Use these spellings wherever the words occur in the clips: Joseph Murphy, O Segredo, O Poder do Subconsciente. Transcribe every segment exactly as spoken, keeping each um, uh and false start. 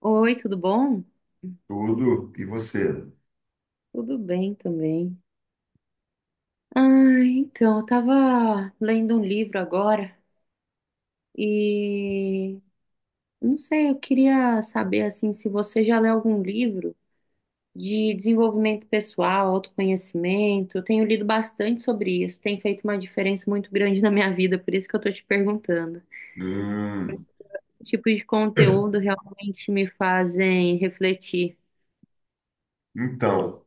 Oi, tudo bom? Tudo. E você? Tudo bem também. Ah, então, eu tava lendo um livro agora e não sei, eu queria saber assim se você já leu algum livro de desenvolvimento pessoal, autoconhecimento. Eu tenho lido bastante sobre isso, tem feito uma diferença muito grande na minha vida, por isso que eu tô te perguntando. Hum, Esse tipo de conteúdo realmente me fazem refletir. então,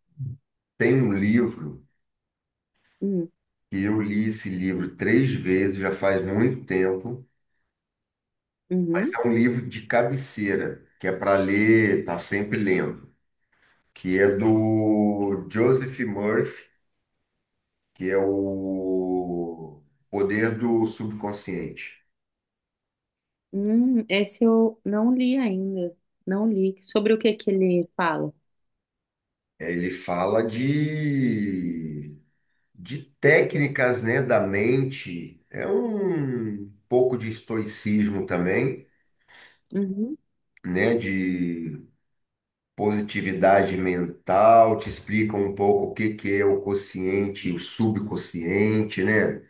tem um livro Hum, que eu li esse livro três vezes, já faz muito tempo, mas uhum. é um livro de cabeceira, que é para ler, tá sempre lendo, que é do Joseph Murphy, que é o Poder do Subconsciente. Hum, esse eu não li ainda. Não li. Sobre o que que ele fala? É, ele fala de, de técnicas, né, da mente. É um pouco de estoicismo também, Uhum, né, de positividade mental. Te explica um pouco o que que é o consciente e o subconsciente, né?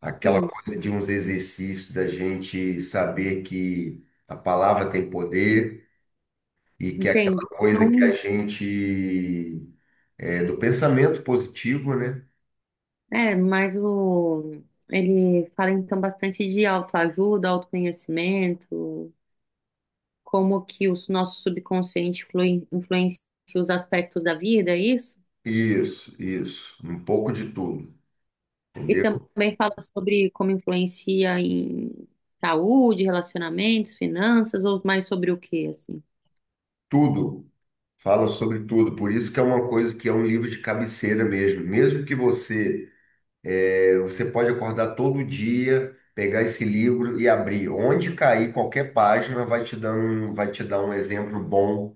Aquela sim, coisa de uns exercícios da gente saber que a palavra tem poder e que é aquela entendi. coisa que a Então, gente é do pensamento positivo, né? é, mas o, ele fala então bastante de autoajuda, autoconhecimento, como que o nosso subconsciente flui- influencia os aspectos da vida, é isso? Isso, isso, um pouco de tudo, E entendeu? também fala sobre como influencia em saúde, relacionamentos, finanças, ou mais sobre o que. Tudo. Fala sobre tudo, por isso que é uma coisa que é um livro de cabeceira mesmo. Mesmo que você É, Você pode acordar todo dia, pegar esse livro e abrir. Onde cair qualquer página vai te dar um, vai te dar um exemplo bom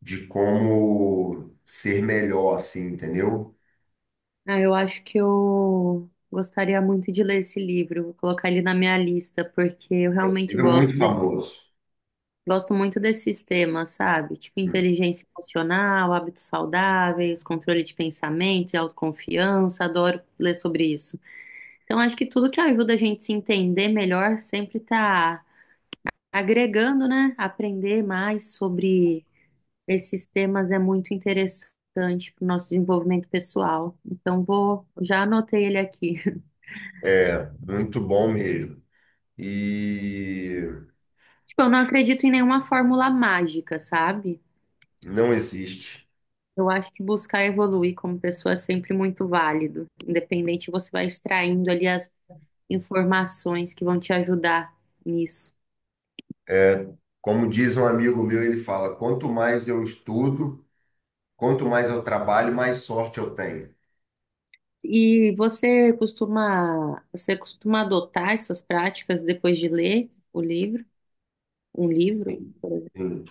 de como ser melhor, assim, entendeu? Ah, eu acho que eu gostaria muito de ler esse livro, vou colocar ele na minha lista, porque eu É Esse realmente livro é gosto muito desse- famoso. gosto muito desses temas, sabe? Tipo Hum. inteligência emocional, hábitos saudáveis, controle de pensamentos e autoconfiança, adoro ler sobre isso. Então, acho que tudo que ajuda a gente se entender melhor sempre tá agregando, né? Aprender mais sobre esses temas é muito interessante para o nosso desenvolvimento pessoal. Então, vou, já anotei ele aqui. É, muito bom mesmo. E Tipo, eu não acredito em nenhuma fórmula mágica, sabe? não existe. Eu acho que buscar evoluir como pessoa é sempre muito válido. Independente, você vai extraindo ali as informações que vão te ajudar nisso. Como diz um amigo meu, ele fala: quanto mais eu estudo, quanto mais eu trabalho, mais sorte eu tenho. E você costuma, você costuma adotar essas práticas depois de ler o livro, um livro, por exemplo? Sim,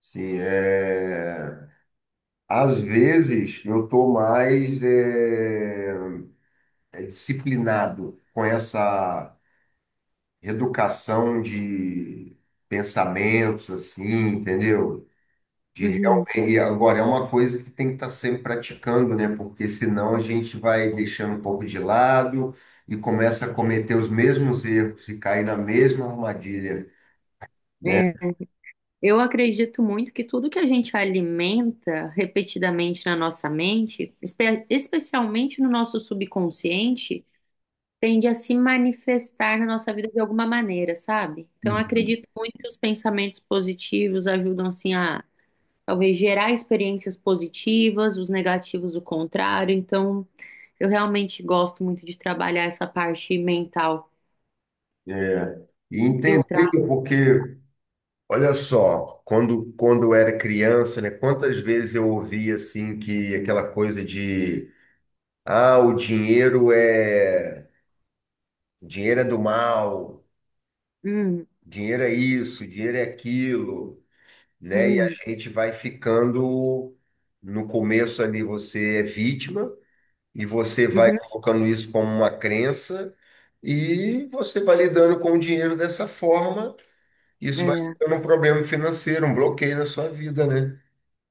sim, é. Às vezes eu tô mais eh, disciplinado com essa reeducação de pensamentos, assim, entendeu? De realmente, Uhum. e agora é uma coisa que tem que estar sempre praticando, né? Porque senão a gente vai deixando um pouco de lado e começa a cometer os mesmos erros e cair na mesma armadilha, né? É, eu acredito muito que tudo que a gente alimenta repetidamente na nossa mente, espe- especialmente no nosso subconsciente, tende a se manifestar na nossa vida de alguma maneira, sabe? Então, eu Uhum. acredito muito que os pensamentos positivos ajudam, assim, a talvez gerar experiências positivas, os negativos, o contrário. Então, eu realmente gosto muito de trabalhar essa parte mental, É. E entender filtrar. porque olha só, quando, quando eu era criança, né, quantas vezes eu ouvia assim que aquela coisa de ah, o dinheiro é dinheiro é do mal, Hum, dinheiro é isso, dinheiro é aquilo, né? E a uhum, gente vai ficando, no começo ali você é vítima e você vai uhum. colocando isso como uma crença e você vai lidando com o dinheiro dessa forma, isso vai É, ficando um problema financeiro, um bloqueio na sua vida, né?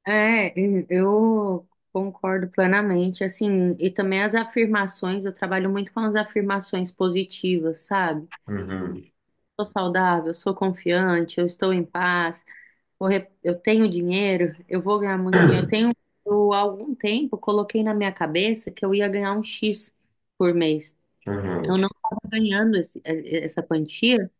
é, e- eu concordo plenamente, assim, e também as afirmações, eu trabalho muito com as afirmações positivas, sabe? Uhum. Sou saudável, sou confiante, eu estou em paz, vou re- eu tenho dinheiro, eu vou ganhar muito dinheiro. Eu tenho, eu, há algum tempo, coloquei na minha cabeça que eu ia ganhar um X por mês. Uhum. Eu não estava ganhando essa quantia,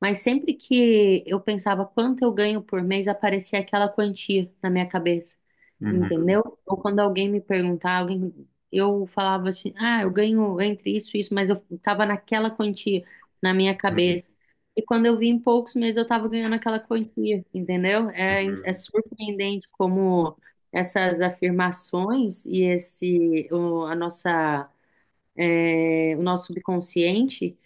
mas sempre que eu pensava quanto eu ganho por mês, aparecia aquela quantia na minha cabeça, Uhum. entendeu? Ou quando alguém me perguntava, alguém, eu falava assim, ah, eu ganho entre isso e isso, mas eu tava naquela quantia na minha Uhum. cabeça. E quando eu vi em poucos meses, eu tava ganhando aquela quantia, entendeu? É, é Uhum. surpreendente como essas afirmações e esse, o, a nossa, é, o nosso subconsciente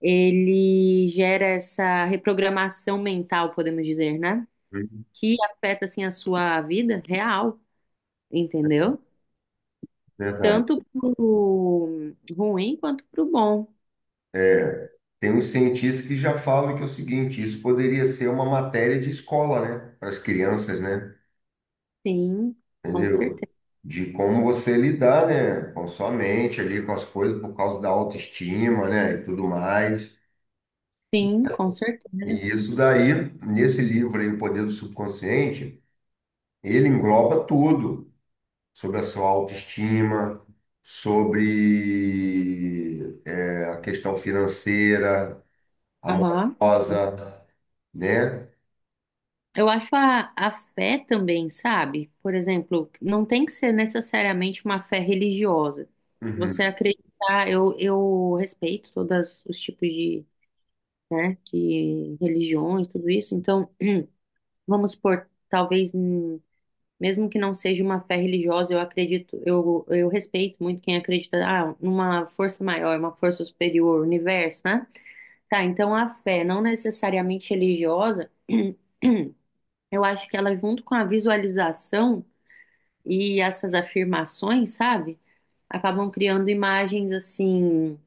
ele gera essa reprogramação mental, podemos dizer, né? Uhum. Que afeta assim a sua vida real, entendeu? Verdade. Tanto pro ruim quanto pro bom. É, tem uns cientistas que já falam que é o seguinte, isso poderia ser uma matéria de escola, né? Para as crianças, né? Sim, com Entendeu? certeza. De como você lidar, né? Com a sua mente ali, com as coisas, por causa da autoestima, né? E tudo mais. Sim, com E certeza. isso daí, nesse livro aí, O Poder do Subconsciente, ele engloba tudo. Sobre a sua autoestima, sobre é, a questão financeira, Aham. amorosa, né? Eu acho a, a fé também, sabe? Por exemplo, não tem que ser necessariamente uma fé religiosa. Você Uhum. acreditar, eu, eu respeito todos os tipos de, né, de religiões, tudo isso. Então, vamos supor, talvez, hum, mesmo que não seja uma fé religiosa, eu acredito, eu, eu respeito muito quem acredita, ah, numa força maior, uma força superior, universo, né? Tá, então a fé, não necessariamente religiosa, eu acho que ela, junto com a visualização e essas afirmações, sabe? Acabam criando imagens assim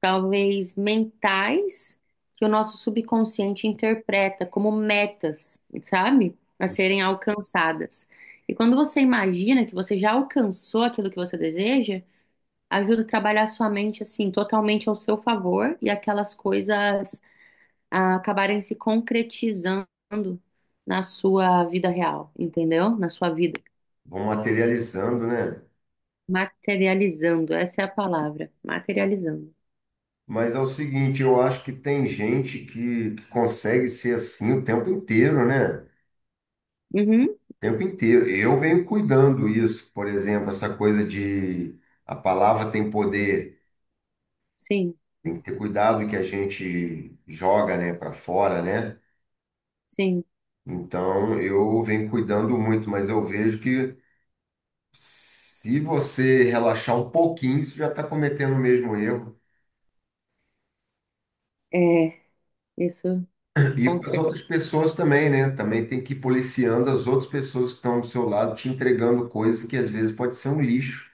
talvez mentais, que o nosso subconsciente interpreta como metas, sabe? A serem alcançadas. E quando você imagina que você já alcançou aquilo que você deseja, ajuda a trabalhar a sua mente assim, totalmente ao seu favor e aquelas coisas ah, acabarem se concretizando na sua vida real, entendeu? Na sua vida. Vão materializando, né? Materializando, essa é a palavra. Materializando. Mas é o seguinte, eu acho que tem gente que, que consegue ser assim o tempo inteiro, né? Uhum, O tempo inteiro. Eu venho cuidando isso, por exemplo, essa coisa de a palavra tem poder, sim, tem que ter cuidado que a gente joga, né, para fora, né? sim. Então, eu venho cuidando muito, mas eu vejo que se você relaxar um pouquinho, você já está cometendo o mesmo erro. É, isso. E Com com as certeza. outras pessoas também, né? Também tem que ir policiando as outras pessoas que estão do seu lado, te entregando coisas que às vezes pode ser um lixo.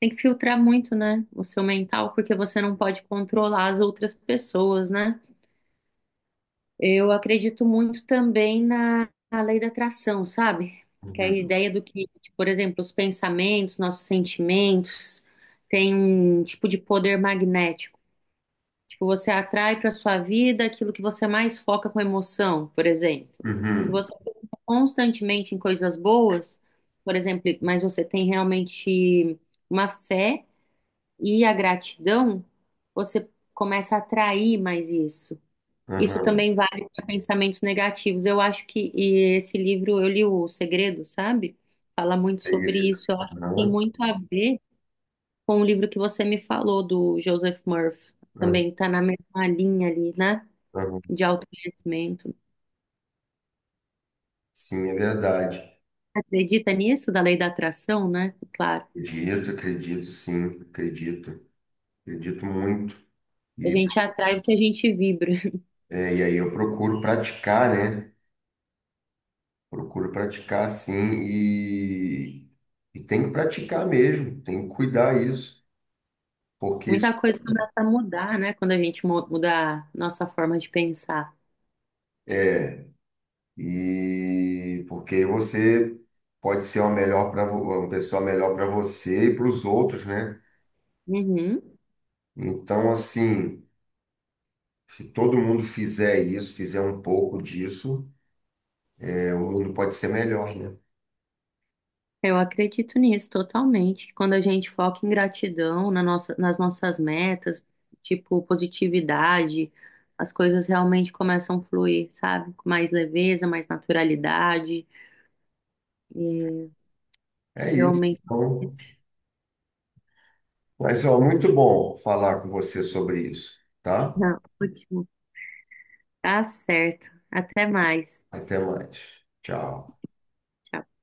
Tem que filtrar muito, né, o seu mental, porque você não pode controlar as outras pessoas, né? Eu acredito muito também na, na lei da atração, sabe? Que é a Uhum. ideia do que, por exemplo, os pensamentos, nossos sentimentos, têm um tipo de poder magnético. Tipo, você atrai para sua vida aquilo que você mais foca com emoção, por exemplo. Se Uhum. você pensa constantemente em coisas boas, por exemplo, mas você tem realmente uma fé e a gratidão, você começa a atrair mais isso. Isso Uhum. também vale para pensamentos negativos. Eu acho que e esse livro, eu li O Segredo, sabe? Fala muito Ele- sobre isso. Eu acho que tem Uhum. muito a ver com o livro que você me falou, do Joseph Murphy. Uhum. Também está na mesma linha ali, né? Uhum. De autoconhecimento. Sim, é verdade. Acredita nisso, da lei da atração, né? Claro. Acredito, acredito, sim, acredito. Acredito muito. A E, gente atrai o que a gente vibra. é, e aí eu procuro praticar, né? Procuro praticar sim e, e tem que praticar mesmo, tem que cuidar isso, porque Muita isso- coisa começa a mudar, né? Quando a gente mu- muda a nossa forma de pensar. e porque você pode ser uma melhor para uma pessoa melhor para você e para os outros, né? Uhum. Então, assim, se todo mundo fizer isso, fizer um pouco disso, é, o mundo pode ser melhor, né? Eu acredito nisso totalmente. Quando a gente foca em gratidão, na nossa, nas nossas metas, tipo positividade, as coisas realmente começam a fluir, sabe? Com mais leveza, mais naturalidade. E É isso. realmente. Então, mas ó, muito bom falar com você sobre isso, tá? Não, ótimo. Tá certo. Até mais. Até mais. Tchau. Tchau.